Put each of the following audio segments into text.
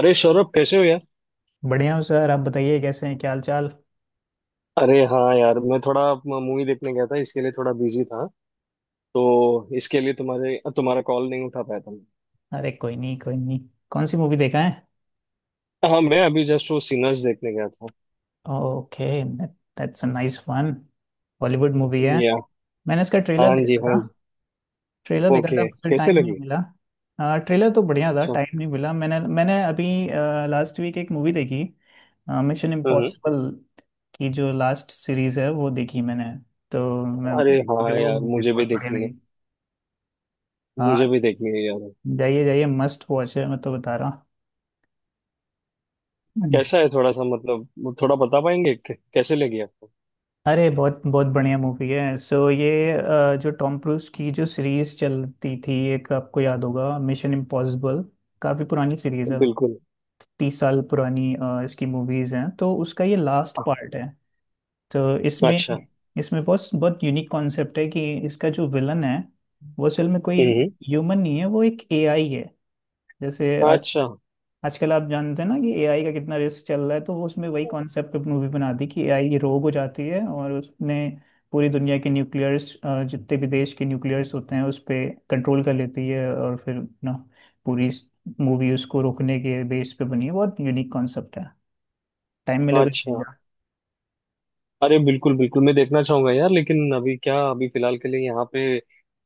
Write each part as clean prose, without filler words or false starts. अरे सौरभ, कैसे हो यार? बढ़िया हूँ सर आप बताइए कैसे हैं क्या हाल चाल. अरे हाँ यार, मैं थोड़ा मूवी देखने गया था, इसके लिए थोड़ा बिजी था। तो इसके लिए तुम्हारे तुम्हारा कॉल नहीं उठा पाया था मैं। अरे कोई नहीं कोई नहीं. कौन सी मूवी देखा है? हाँ, मैं अभी जस्ट वो सिनर्स देखने गया था। Okay that's a nice one. Bollywood movie है? या। मैंने इसका ट्रेलर हाँ जी, देखा हाँ था. जी। ट्रेलर देखा था ओके, मुझे कैसे टाइम नहीं लगी? मिला. ट्रेलर तो बढ़िया था अच्छा। टाइम नहीं मिला मैंने मैंने अभी लास्ट वीक एक मूवी देखी. Mission hmm. इम्पॉसिबल की जो लास्ट सीरीज है वो देखी मैंने. तो मैं अरे हाँ मुझे वो यार, मूवी मुझे भी बहुत बढ़िया देखनी है, लगी. मुझे हाँ. भी देखनी है यार। जाइए जाइए मस्ट वॉच है मैं तो बता रहा हूँ. कैसा है, थोड़ा सा मतलब थोड़ा बता पाएंगे कैसे लगी आपको? अरे बहुत बहुत बढ़िया मूवी है. सो ये जो टॉम क्रूज की जो सीरीज चलती थी एक आपको याद होगा मिशन इम्पॉसिबल. काफी पुरानी सीरीज है. बिल्कुल। 30 साल पुरानी इसकी मूवीज हैं तो उसका ये लास्ट पार्ट है. तो इसमें अच्छा। इसमें बहुत बहुत यूनिक कॉन्सेप्ट है कि इसका जो विलन है वो असल में कोई हम्म। हम्म। ह्यूमन नहीं है, वो एक एआई है. जैसे अच्छा। आजकल आप जानते हैं ना कि एआई का कितना रिस्क चल रहा है, तो वो उसमें वही कॉन्सेप्ट मूवी बना दी कि एआई रोग हो जाती है और उसने पूरी दुनिया के न्यूक्लियर्स, जितने भी देश के न्यूक्लियर्स होते हैं, उस पे कंट्रोल कर लेती है और फिर ना पूरी मूवी उसको रोकने के बेस पे बनी है. बहुत यूनिक कॉन्सेप्ट है. टाइम मिले तो अच्छा। देखिएगा। अरे बिल्कुल बिल्कुल, मैं देखना चाहूंगा यार, लेकिन अभी क्या, अभी फिलहाल के लिए यहाँ पे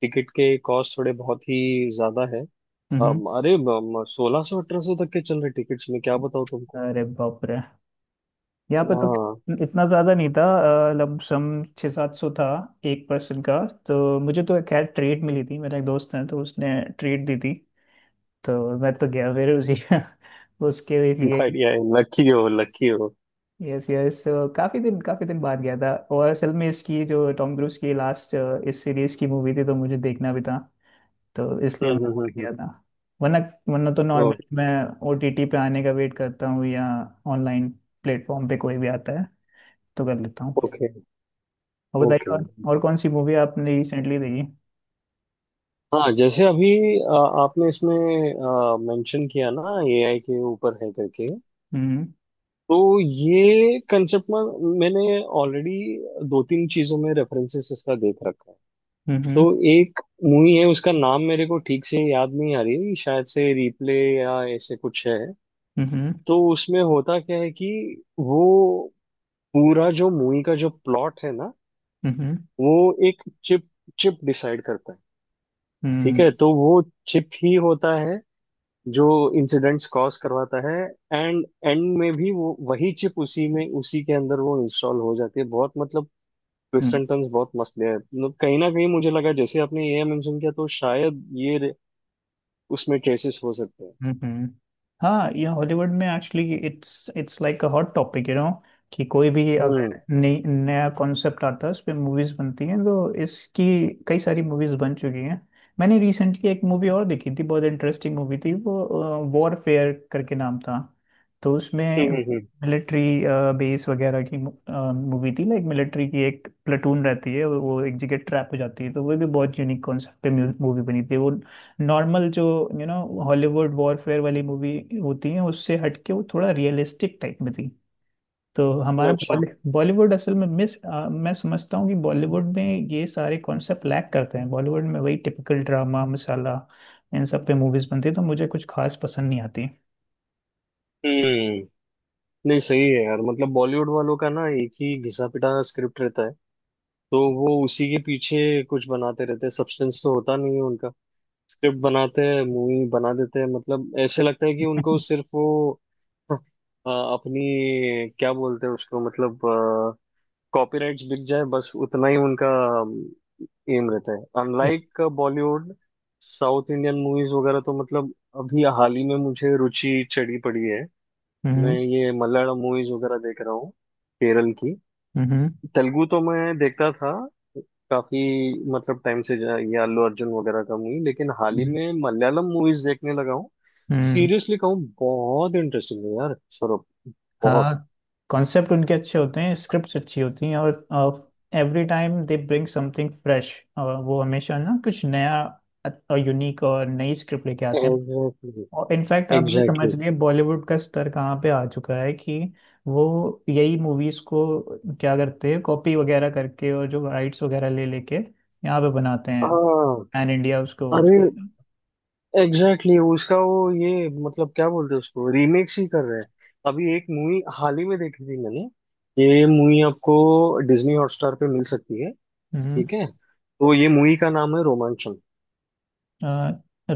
टिकट के कॉस्ट थोड़े बहुत ही ज्यादा है। हम्म. अरे, 1,600 1,800 तक के चल रहे टिकट्स, में क्या बताऊँ तुमको। अरे बाप रे. यहाँ पे तो हाँ। इतना ज्यादा नहीं था. लमसम 600-700 था एक पर्सन का. तो मुझे तो खैर ट्रेड मिली थी, मेरा एक दोस्त है तो उसने ट्रेड दी थी. तो मैं तो गया फिर उसी उसके लिए. बढ़िया है, लकी हो, लकी हो। यस यस, तो काफी दिन बाद गया था. और असल में इसकी जो टॉम क्रूज की लास्ट इस सीरीज की मूवी थी तो मुझे देखना भी था, तो इसलिए हम्म, मैं हम्म, और हम्म, हम्म। गया था. वरना वरना तो ओ। नॉर्मली मैं ओटीटी पे आने का वेट करता हूँ या ऑनलाइन प्लेटफॉर्म पे कोई भी आता है तो कर लेता हूँ. ओके, और बताइए ओके। और कौन सी मूवी आपने रिसेंटली देखी? हाँ, जैसे अभी अ, आपने इसमें मेंशन किया ना एआई के ऊपर है करके। हम्म तो ये कंसेप्ट में मैंने ऑलरेडी दो तीन चीजों में रेफरेंसेस इसका देख रखा है। हम्म तो हम्म एक मूवी है, उसका नाम मेरे को ठीक से याद नहीं आ रही, शायद से रिप्ले या ऐसे कुछ है। हम्म तो उसमें होता क्या है कि वो पूरा जो मूवी का जो प्लॉट है ना, हम्म वो एक चिप चिप डिसाइड करता है। ठीक हम्म है, तो वो चिप ही होता है जो इंसिडेंट्स कॉज करवाता है। एंड एंड में भी वो वही चिप उसी में उसी के अंदर वो इंस्टॉल हो जाती है। बहुत मतलब ट्विस्ट हम्म एंड टर्न्स बहुत मस्त है। मतलब कहीं ना कहीं मुझे लगा जैसे आपने ये मेंशन किया तो शायद ये उसमें केसेस हो सकते हैं। हम्म. हाँ, ये हॉलीवुड में actually it's it's like a hot topic you know. कि कोई भी हम्म, अगर नई नया कॉन्सेप्ट आता है उस पे मूवीज बनती हैं, तो इसकी कई सारी मूवीज बन चुकी हैं. मैंने रिसेंटली एक मूवी और देखी थी, बहुत इंटरेस्टिंग मूवी थी वो. वॉरफेयर करके नाम था. तो उसमें हम्म, मिलिट्री बेस वगैरह की मूवी थी, लाइक मिलिट्री की एक प्लेटून रहती है और वो एक जगह ट्रैप हो जाती है, तो वो भी बहुत यूनिक कॉन्सेप्ट पे मूवी बनी थी वो. नॉर्मल जो यू नो हॉलीवुड वॉरफेयर वाली मूवी होती है उससे हटके वो थोड़ा रियलिस्टिक टाइप में थी. तो हम्म। हमारा अच्छा। बॉलीवुड असल में मैं समझता हूँ कि बॉलीवुड में ये सारे कॉन्सेप्ट लैक करते हैं. बॉलीवुड में वही टिपिकल ड्रामा मसाला, इन सब पे मूवीज बनती है, तो मुझे कुछ खास पसंद नहीं आती. हम्म। नहीं सही है यार, मतलब बॉलीवुड वालों का ना एक ही घिसा पिटा स्क्रिप्ट रहता है। तो वो उसी के पीछे कुछ बनाते रहते हैं, सब्सटेंस तो होता नहीं है उनका। स्क्रिप्ट बनाते हैं, मूवी बना देते हैं। मतलब ऐसे लगता है कि उनको सिर्फ वो अपनी क्या बोलते हैं उसको, मतलब कॉपीराइट्स बिक जाए, बस उतना ही उनका एम रहता है। Unlike Bollywood, South Indian movies वगैरह तो मतलब अभी हाल ही में मुझे रुचि चढ़ी पड़ी है। हम्म मैं ये मलयालम मूवीज वगैरह देख रहा हूँ, केरल की। हम्म तेलुगु तो मैं देखता था काफी, मतलब टाइम से ये अल्लू अर्जुन वगैरह का मूवी, लेकिन हाल ही हम्म में मलयालम मूवीज देखने लगा हूँ। हम्म. सीरियसली कहूँ, बहुत इंटरेस्टिंग है यार सौरभ। बहुत हाँ, कॉन्सेप्ट उनके अच्छे होते हैं, स्क्रिप्ट्स अच्छी होती हैं और every time they bring something fresh. वो हमेशा ना कुछ नया, यूनिक और नई स्क्रिप्ट लेके आते हैं. एग्जैक्टली, और इनफैक्ट आप ये समझ एग्जैक्टली। लिए बॉलीवुड का स्तर कहाँ पे आ चुका है कि वो यही मूवीज को क्या करते हैं, कॉपी वगैरह करके और जो राइट्स वगैरह ले लेके यहाँ पे बनाते हैं हाँ। पैन इंडिया उसको. अरे एग्जैक्टली, exactly, उसका वो ये मतलब क्या बोलते हैं उसको, रीमेक्स ही कर रहे हैं। अभी एक मूवी हाल ही में देखी थी मैंने। ये मूवी आपको डिज्नी हॉटस्टार पे मिल सकती है। हम्म. ठीक है, तो ये मूवी का नाम है रोमांचम।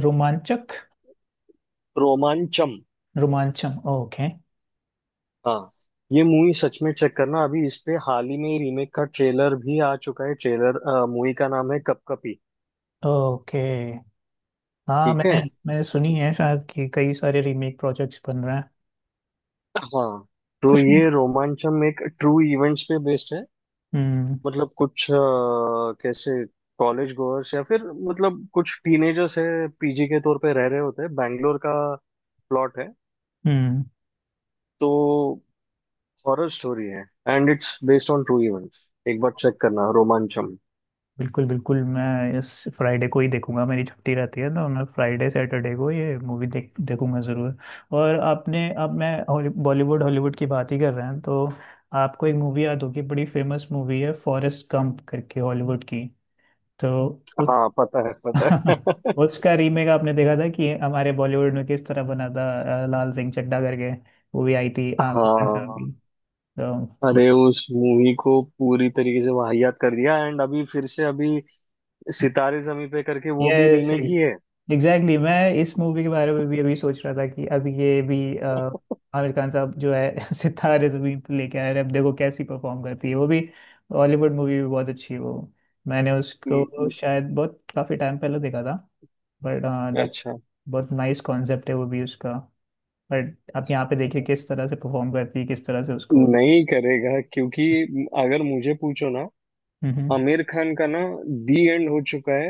रोमांचक. रोमांचम। रोमांचम, ओके. हाँ। ये मूवी सच में चेक करना, अभी इस पे हाल ही में रीमेक का ट्रेलर भी आ चुका है। ट्रेलर, मूवी का नाम है कपकपी। ओके. हाँ, ठीक है। मैंने मैंने सुनी है शायद, कि कई सारे रीमेक प्रोजेक्ट्स बन रहे हैं हाँ, तो कुछ. ये रोमांचम एक ट्रू इवेंट्स पे बेस्ड है। हम्म मतलब कुछ कैसे कॉलेज गोअर्स या फिर मतलब कुछ टीनेजर्स है, पीजी के तौर पे रह रहे होते हैं, बैंगलोर का प्लॉट है। हम्म. तो हॉरर स्टोरी है and it's based on true events, एक बार चेक करना रोमांचम। बिल्कुल बिल्कुल, मैं इस फ्राइडे को ही देखूंगा, मेरी छुट्टी रहती है, तो मैं फ्राइडे सैटरडे को ये मूवी देखूंगा ज़रूर. और आपने, अब मैं बॉलीवुड हॉलीवुड की बात ही कर रहे हैं तो, आपको एक मूवी याद होगी, बड़ी फेमस मूवी है फॉरेस्ट गंप करके हॉलीवुड की. तो उस हाँ, पता है, पता है। उसका रीमेक आपने देखा था कि हमारे बॉलीवुड में किस तरह बना था, लाल सिंह चड्ढा करके. वो भी आई थी आमिर खान साहब हाँ, की. तो अरे उस मूवी को पूरी तरीके से वाहियात कर दिया, एंड अभी फिर से अभी सितारे जमी पे करके वो भी यस, रीमेक ही है। एग्जैक्टली, मैं इस मूवी के बारे में भी अभी सोच रहा था कि अभी ये भी आमिर खान साहब जो है सितारे जमीन पर लेके आए हैं, अब देखो कैसी परफॉर्म करती है वो भी. हॉलीवुड मूवी भी बहुत अच्छी है वो. मैंने उसको हम्म। शायद बहुत काफी टाइम पहले देखा था, बट दैट, अच्छा। बहुत नाइस कॉन्सेप्ट है वो भी उसका. बट आप यहाँ पे देखिए किस तरह से परफॉर्म करती है, किस तरह से उसको. नहीं करेगा, क्योंकि अगर मुझे पूछो ना, हम्म आमिर खान का ना दी एंड हो चुका है।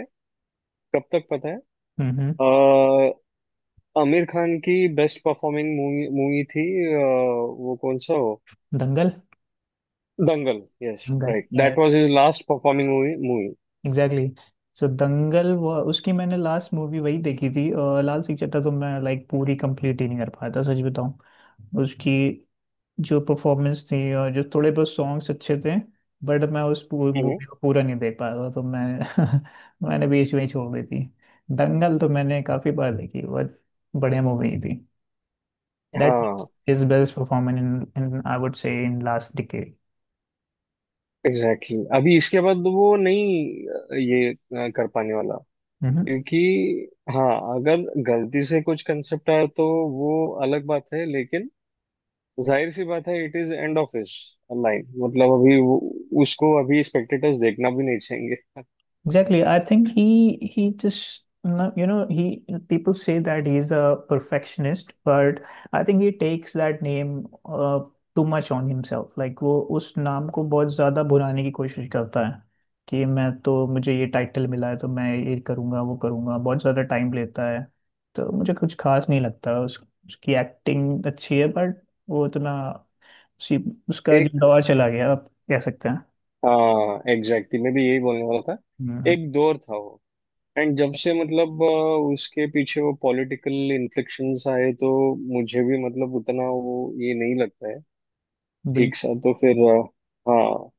कब तक पता है? हम्म. अ, आमिर खान की बेस्ट परफॉर्मिंग मूवी मूवी थी। अ, वो कौन सा हो? Dangal. Dangal. Yes Dangal, right, that was his last performing movie movie. Exactly. So Dangal वो उसकी मैंने लास्ट मूवी वही देखी थी, और लाल सिंह चड्ढा तो मैं लाइक पूरी कंप्लीट ही नहीं कर पाया था, सच बताऊं. उसकी जो परफॉर्मेंस थी और जो थोड़े बहुत सॉन्ग्स अच्छे थे, बट मैं उस पूरी हम्म। मूवी को पूरा नहीं देख पाया था, तो मैं मैंने बीच में ही छोड़ दी थी. दंगल तो मैंने काफी बार देखी, बहुत बढ़िया मूवी थी. That is हाँ his best performance in I would say in last decade. Exactly, exactly. अभी इसके बाद वो नहीं ये कर पाने वाला, Hmm. क्योंकि, हाँ, अगर गलती से कुछ कंसेप्ट आया तो वो अलग बात है, लेकिन जाहिर सी बात है, इट इज एंड ऑफ इस लाइन, मतलब अभी वो, उसको अभी स्पेक्टेटर्स देखना भी नहीं चाहेंगे। Exactly. I think he just you know, he people say that he's a perfectionist, but I think he takes that name too much on himself. Like वो उस नाम को बहुत ज्यादा भुनाने की कोशिश करता है कि मैं, तो मुझे ये टाइटल मिला है तो मैं ये करूंगा वो करूंगा, बहुत ज्यादा टाइम लेता है, तो मुझे कुछ खास नहीं लगता उसकी एक्टिंग अच्छी है बट वो उतना उसी उसका एक जो दौर चला गया आप कह सकते हैं. हाँ एग्जैक्टली, मैं भी यही बोलने वाला था। हम्म. एक दौर था वो। एंड जब से मतलब उसके पीछे वो पॉलिटिकल इन्फ्लेक्शंस आए, तो मुझे भी मतलब उतना वो, ये नहीं लगता है बिल, ठीक सा, तो फिर हाँ,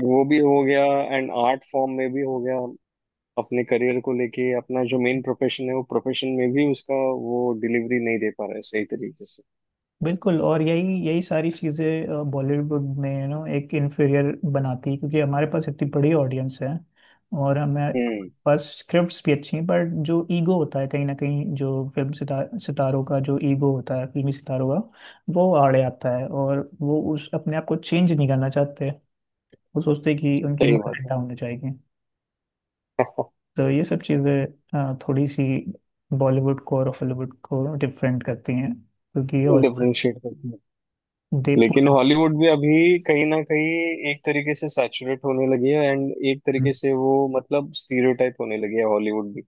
वो भी हो गया। एंड आर्ट फॉर्म में भी हो गया। अपने करियर को लेके, अपना जो मेन प्रोफेशन है वो प्रोफेशन में भी उसका, वो डिलीवरी नहीं दे पा रहा है सही तरीके से। बिल्कुल, और यही यही सारी चीज़ें बॉलीवुड में यू नो एक इन्फीरियर बनाती है, क्योंकि हमारे पास इतनी बड़ी ऑडियंस है और हमें, हमारे हम्म। पास स्क्रिप्ट्स भी अच्छी हैं, बट जो ईगो होता है कहीं ना कहीं जो सितारों का जो ईगो होता है, फिल्मी सितारों का, वो आड़े आता है और वो उस अपने आप को चेंज नहीं करना चाहते. वो सोचते हैं कि उनकी सही बात है। मान्यता होनी चाहिए. तो ये सब चीज़ें थोड़ी सी बॉलीवुड को और हॉलीवुड को डिफरेंट करती हैं, क्योंकि ये हॉलीवुड डिफरेंशिएट करते हैं, दे लेकिन पूरा- हॉलीवुड भी अभी कहीं ना कहीं एक तरीके से सैचुरेट होने लगी है, एंड एक तरीके से वो मतलब स्टीरियोटाइप होने लगी है हॉलीवुड भी,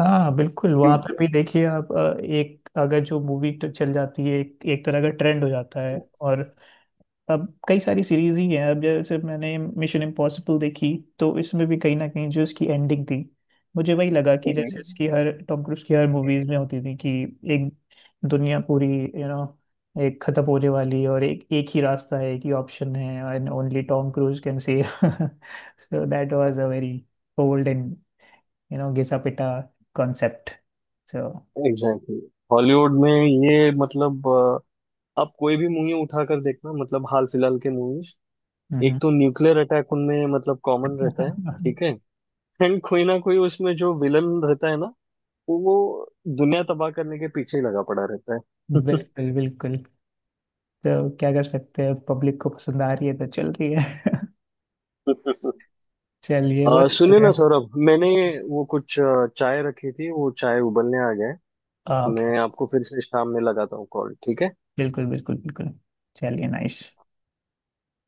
हाँ, बिल्कुल, वहाँ पर क्योंकि भी देखिए आप, एक अगर जो मूवी तो चल जाती है, एक तरह का ट्रेंड हो जाता है. और अब कई सारी सीरीज ही हैं, अब जैसे मैंने मिशन इम्पॉसिबल देखी, तो इसमें भी कहीं ना कहीं जो इसकी एंडिंग थी, मुझे वही लगा कि जैसे इसकी हर टॉम क्रूज की हर मूवीज में होती थी, कि एक दुनिया पूरी, यू नो, एक खत्म होने वाली है और एक एक ही रास्ता है, एक ही ऑप्शन है, and only Tom Cruise can save. So that was a very old and you know घिसा पिटा कॉन्सेप्ट सो. एग्जैक्टली। हॉलीवुड में ये मतलब आप कोई भी मूवी उठाकर देखना मतलब हाल फिलहाल के मूवीज। एक तो न्यूक्लियर अटैक उनमें मतलब कॉमन रहता है, ठीक है। एंड कोई ना कोई उसमें जो विलन रहता है ना, वो दुनिया तबाह करने के पीछे ही लगा पड़ा रहता है। बिल्कुल बिल्कुल, तो क्या कर सकते हैं, पब्लिक को पसंद आ रही है तो चल रही है. चलिए, बहुत अच्छा सुनिए ना लगा. सौरभ, मैंने वो कुछ चाय रखी थी, वो चाय उबलने आ गए। ओके. मैं आपको फिर से शाम में लगाता हूँ कॉल, ठीक है। बिल्कुल बिल्कुल बिल्कुल, चलिए, नाइस.